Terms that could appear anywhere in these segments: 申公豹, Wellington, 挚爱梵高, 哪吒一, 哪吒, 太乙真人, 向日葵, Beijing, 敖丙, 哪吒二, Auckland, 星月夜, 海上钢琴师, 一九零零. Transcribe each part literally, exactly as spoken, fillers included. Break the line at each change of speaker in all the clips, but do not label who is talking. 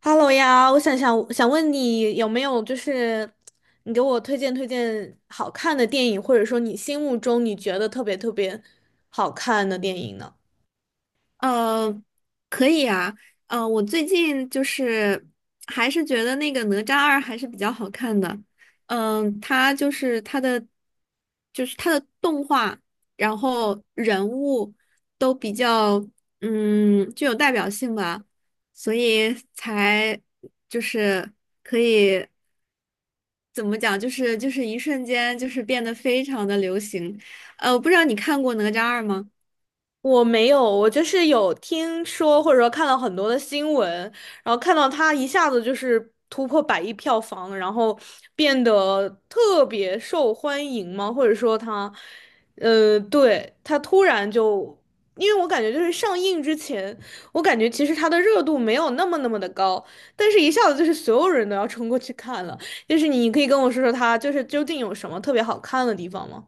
哈喽呀，我想想想问你有没有就是你给我推荐推荐好看的电影，或者说你心目中你觉得特别特别好看的电影呢？
呃，可以啊。呃，我最近就是还是觉得那个哪吒二还是比较好看的。嗯、它就是它的就是它的动画，然后人物都比较嗯具有代表性吧，所以才就是可以怎么讲，就是就是一瞬间就是变得非常的流行。呃，我不知道你看过哪吒二吗？
我没有，我就是有听说或者说看到很多的新闻，然后看到它一下子就是突破百亿票房，然后变得特别受欢迎吗？或者说它，呃，对，它突然就，因为我感觉就是上映之前，我感觉其实它的热度没有那么那么的高，但是一下子就是所有人都要冲过去看了。就是你可以跟我说说它就是究竟有什么特别好看的地方吗？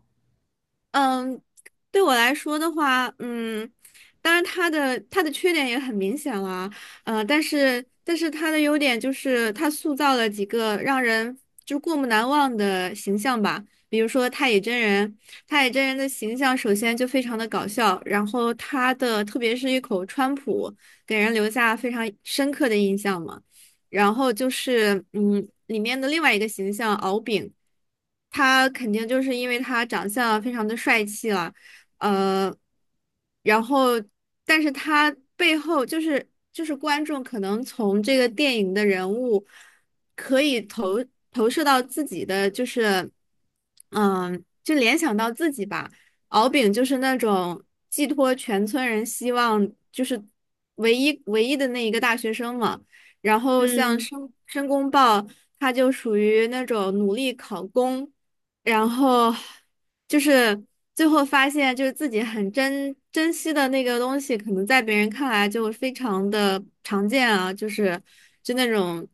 嗯，对我来说的话，嗯，当然他的他的缺点也很明显了。呃，但是但是他的优点就是他塑造了几个让人就过目难忘的形象吧，比如说太乙真人。太乙真人的形象首先就非常的搞笑，然后他的特别是一口川普，给人留下非常深刻的印象嘛。然后就是嗯，里面的另外一个形象敖丙，他肯定就是因为他长相非常的帅气了。呃，然后但是他背后就是就是观众可能从这个电影的人物可以投投射到自己的就是嗯，就联想到自己吧。敖丙就是那种寄托全村人希望，就是唯一唯一的那一个大学生嘛。然后像
嗯。
申申公豹，他就属于那种努力考公，然后就是最后发现，就是自己很珍珍惜的那个东西，可能在别人看来就非常的常见啊，就是就那种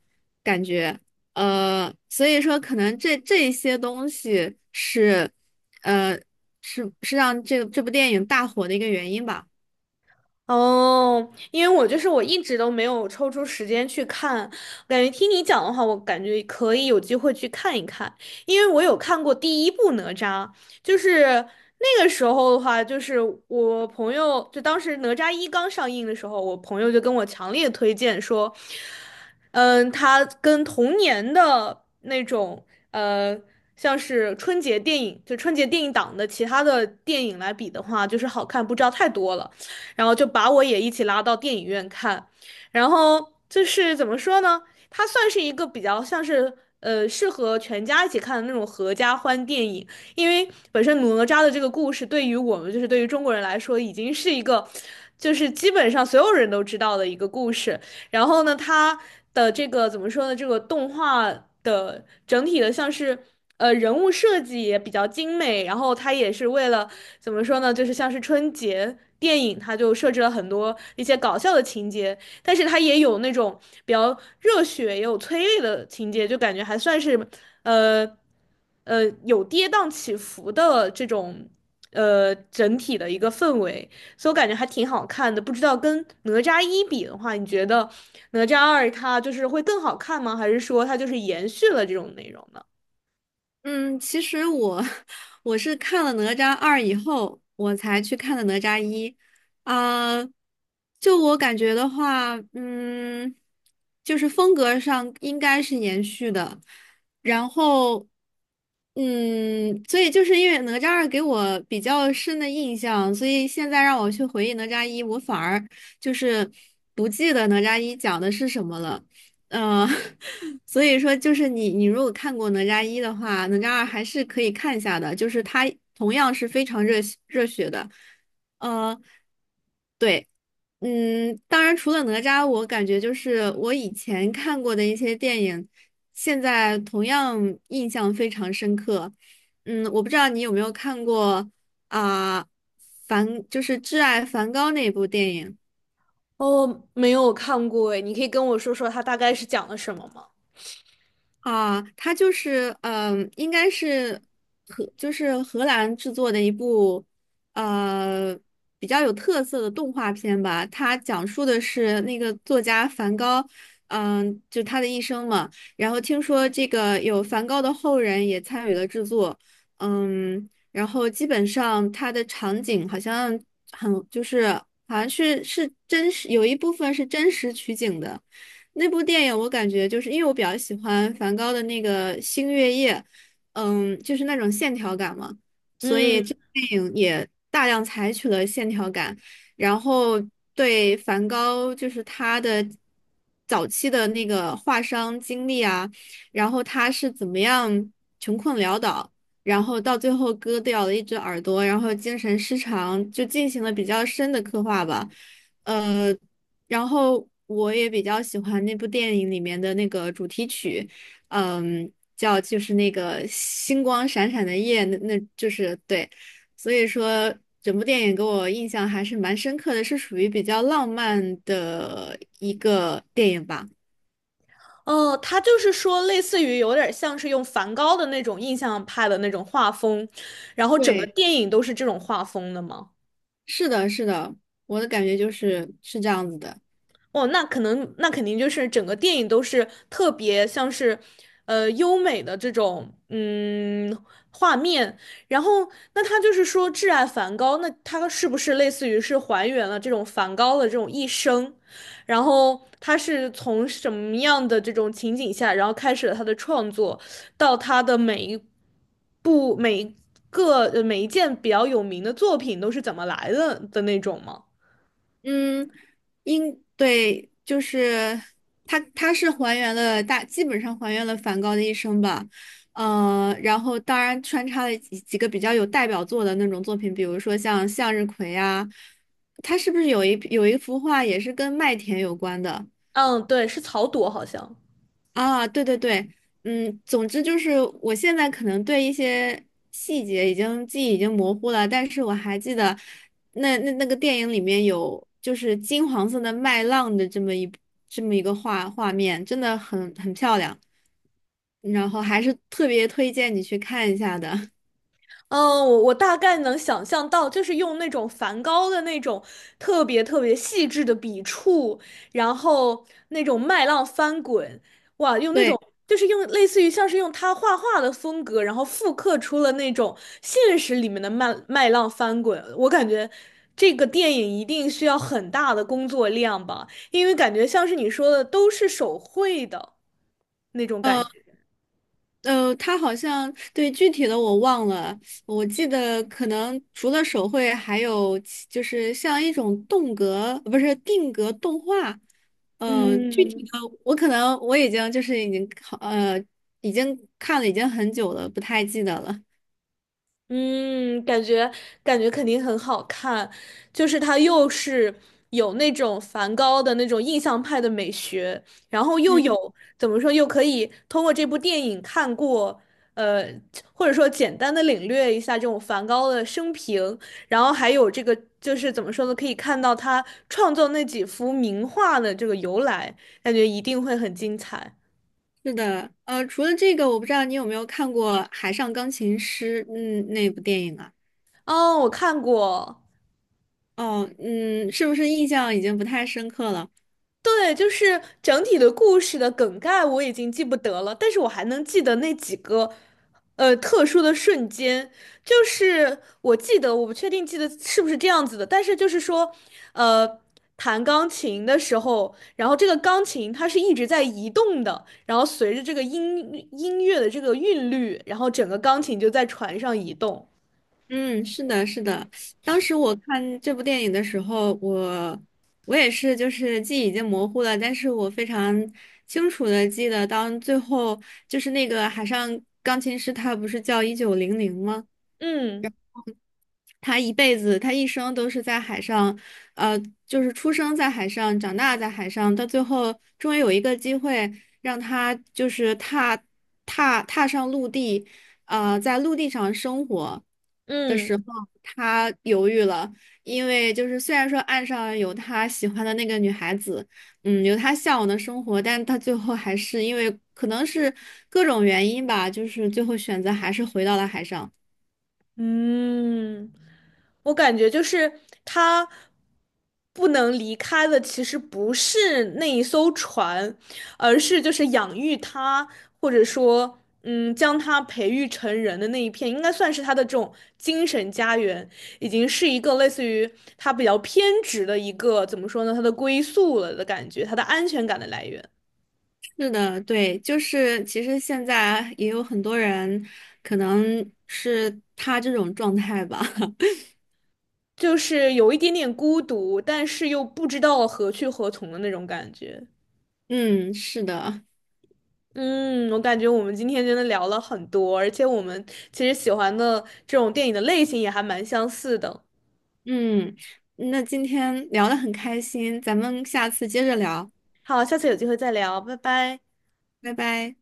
感觉。呃，所以说可能这这一些东西是，呃，是是让这个这部电影大火的一个原因吧。
哦，因为我就是我一直都没有抽出时间去看，感觉听你讲的话，我感觉可以有机会去看一看，因为我有看过第一部哪吒，就是那个时候的话，就是我朋友就当时哪吒一刚上映的时候，我朋友就跟我强烈推荐说，嗯，他跟童年的那种呃，像是春节电影，就春节电影档的其他的电影来比的话，就是好看不知道太多了。然后就把我也一起拉到电影院看。然后就是怎么说呢？它算是一个比较像是呃适合全家一起看的那种合家欢电影，因为本身哪吒的这个故事对于我们就是对于中国人来说已经是一个，就是基本上所有人都知道的一个故事。然后呢，它的这个怎么说呢？这个动画的整体的像是。呃，人物设计也比较精美，然后它也是为了怎么说呢？就是像是春节电影，它就设置了很多一些搞笑的情节，但是它也有那种比较热血，也有催泪的情节，就感觉还算是呃呃有跌宕起伏的这种呃整体的一个氛围，所以我感觉还挺好看的。不知道跟哪吒一比的话，你觉得哪吒二它就是会更好看吗？还是说它就是延续了这种内容呢？
嗯，其实我 我是看了《哪吒二》以后，我才去看的《哪吒一》。啊、就我感觉的话，嗯，就是风格上应该是延续的。然后，嗯，所以就是因为《哪吒二》给我比较深的印象，所以现在让我去回忆《哪吒一》，我反而就是不记得《哪吒一》讲的是什么了。嗯，所以说就是你，你如果看过《哪吒一》的话，《哪吒二》还是可以看一下的，就是它同样是非常热血热血的。呃，对，嗯，当然除了哪吒，我感觉就是我以前看过的一些电影，现在同样印象非常深刻。嗯，我不知道你有没有看过啊，梵就是《挚爱梵高》那部电影。
哦，没有看过诶，你可以跟我说说它大概是讲了什么吗？
啊，它就是嗯、呃应该是荷，就是荷兰制作的一部呃比较有特色的动画片吧。它讲述的是那个作家梵高，嗯、就他的一生嘛。然后听说这个有梵高的后人也参与了制作，嗯，然后基本上它的场景好像很就是好像是是真实，有一部分是真实取景的。那部电影我感觉就是因为我比较喜欢梵高的那个《星月夜》，嗯，就是那种线条感嘛，所以
嗯，
这部电影也大量采取了线条感，然后对梵高就是他的早期的那个画商经历啊，然后他是怎么样穷困潦倒，然后到最后割掉了一只耳朵，然后精神失常，就进行了比较深的刻画吧。呃。然后我也比较喜欢那部电影里面的那个主题曲，嗯，叫就是那个星光闪闪的夜，那那就是对，所以说整部电影给我印象还是蛮深刻的，是属于比较浪漫的一个电影吧。
哦，他就是说，类似于有点像是用梵高的那种印象派的那种画风，然后整个
对，
电影都是这种画风的吗？
是的，是的，我的感觉就是是这样子的。
哦，那可能那肯定就是整个电影都是特别像是，呃，优美的这种嗯画面。然后，那他就是说挚爱梵高，那他是不是类似于是还原了这种梵高的这种一生？然后他是从什么样的这种情景下，然后开始了他的创作，到他的每一部每一个呃每一件比较有名的作品都是怎么来的的那种吗？
嗯，应对就是它，它是还原了大，基本上还原了梵高的一生吧。呃，然后当然穿插了几几个比较有代表作的那种作品，比如说像向日葵啊，它是不是有一有一幅画也是跟麦田有关的？
嗯，对，是草垛好像。
啊，对对对，嗯，总之就是我现在可能对一些细节已经记忆已经模糊了，但是我还记得那那那个电影里面有就是金黄色的麦浪的这么一这么一个画画面，真的很很漂亮，然后还是特别推荐你去看一下的。
嗯，我我大概能想象到，就是用那种梵高的那种特别特别细致的笔触，然后那种麦浪翻滚，哇，用那种
对。
就是用类似于像是用他画画的风格，然后复刻出了那种现实里面的麦麦浪翻滚。我感觉这个电影一定需要很大的工作量吧，因为感觉像是你说的都是手绘的那种感
嗯。
觉。
呃，他好像对具体的我忘了，我记得可能除了手绘，还有其就是像一种动格，不是定格动画，嗯、呃具
嗯。
体的我可能我已经就是已经呃已经看了已经很久了，不太记得了。
嗯，感觉感觉肯定很好看，就是它又是有那种梵高的那种印象派的美学，然后又
嗯，
有怎么说，又可以通过这部电影看过，呃，或者说简单的领略一下这种梵高的生平，然后还有这个就是怎么说呢，可以看到他创作那几幅名画的这个由来，感觉一定会很精彩。
是的，呃，除了这个，我不知道你有没有看过《海上钢琴师》嗯那部电影啊？
哦，我看过。
哦，嗯，是不是印象已经不太深刻了？
对，就是整体的故事的梗概我已经记不得了，但是我还能记得那几个，呃，特殊的瞬间。就是我记得，我不确定记得是不是这样子的，但是就是说，呃，弹钢琴的时候，然后这个钢琴它是一直在移动的，然后随着这个音音乐的这个韵律，然后整个钢琴就在船上移动。
嗯，是的，是的。当时我看这部电影的时候，我我也是，就是记忆已经模糊了，但是我非常清楚的记得，当最后就是那个海上钢琴师，他不是叫一九零零吗？
嗯
他一辈子，他一生都是在海上，呃，就是出生在海上，长大在海上，到最后终于有一个机会让他就是踏踏踏上陆地，呃，在陆地上生活的
嗯。
时候，他犹豫了，因为就是虽然说岸上有他喜欢的那个女孩子，嗯，有他向往的生活，但他最后还是因为可能是各种原因吧，就是最后选择还是回到了海上。
嗯，我感觉就是他不能离开的，其实不是那一艘船，而是就是养育他，或者说，嗯，将他培育成人的那一片，应该算是他的这种精神家园，已经是一个类似于他比较偏执的一个，怎么说呢，他的归宿了的感觉，他的安全感的来源，
是的，对，就是其实现在也有很多人，可能是他这种状态吧。
就是有一点点孤独，但是又不知道何去何从的那种感觉。
嗯，是的，
嗯，我感觉我们今天真的聊了很多，而且我们其实喜欢的这种电影的类型也还蛮相似的。
嗯，那今天聊得很开心，咱们下次接着聊，
好，下次有机会再聊，拜拜。
拜拜。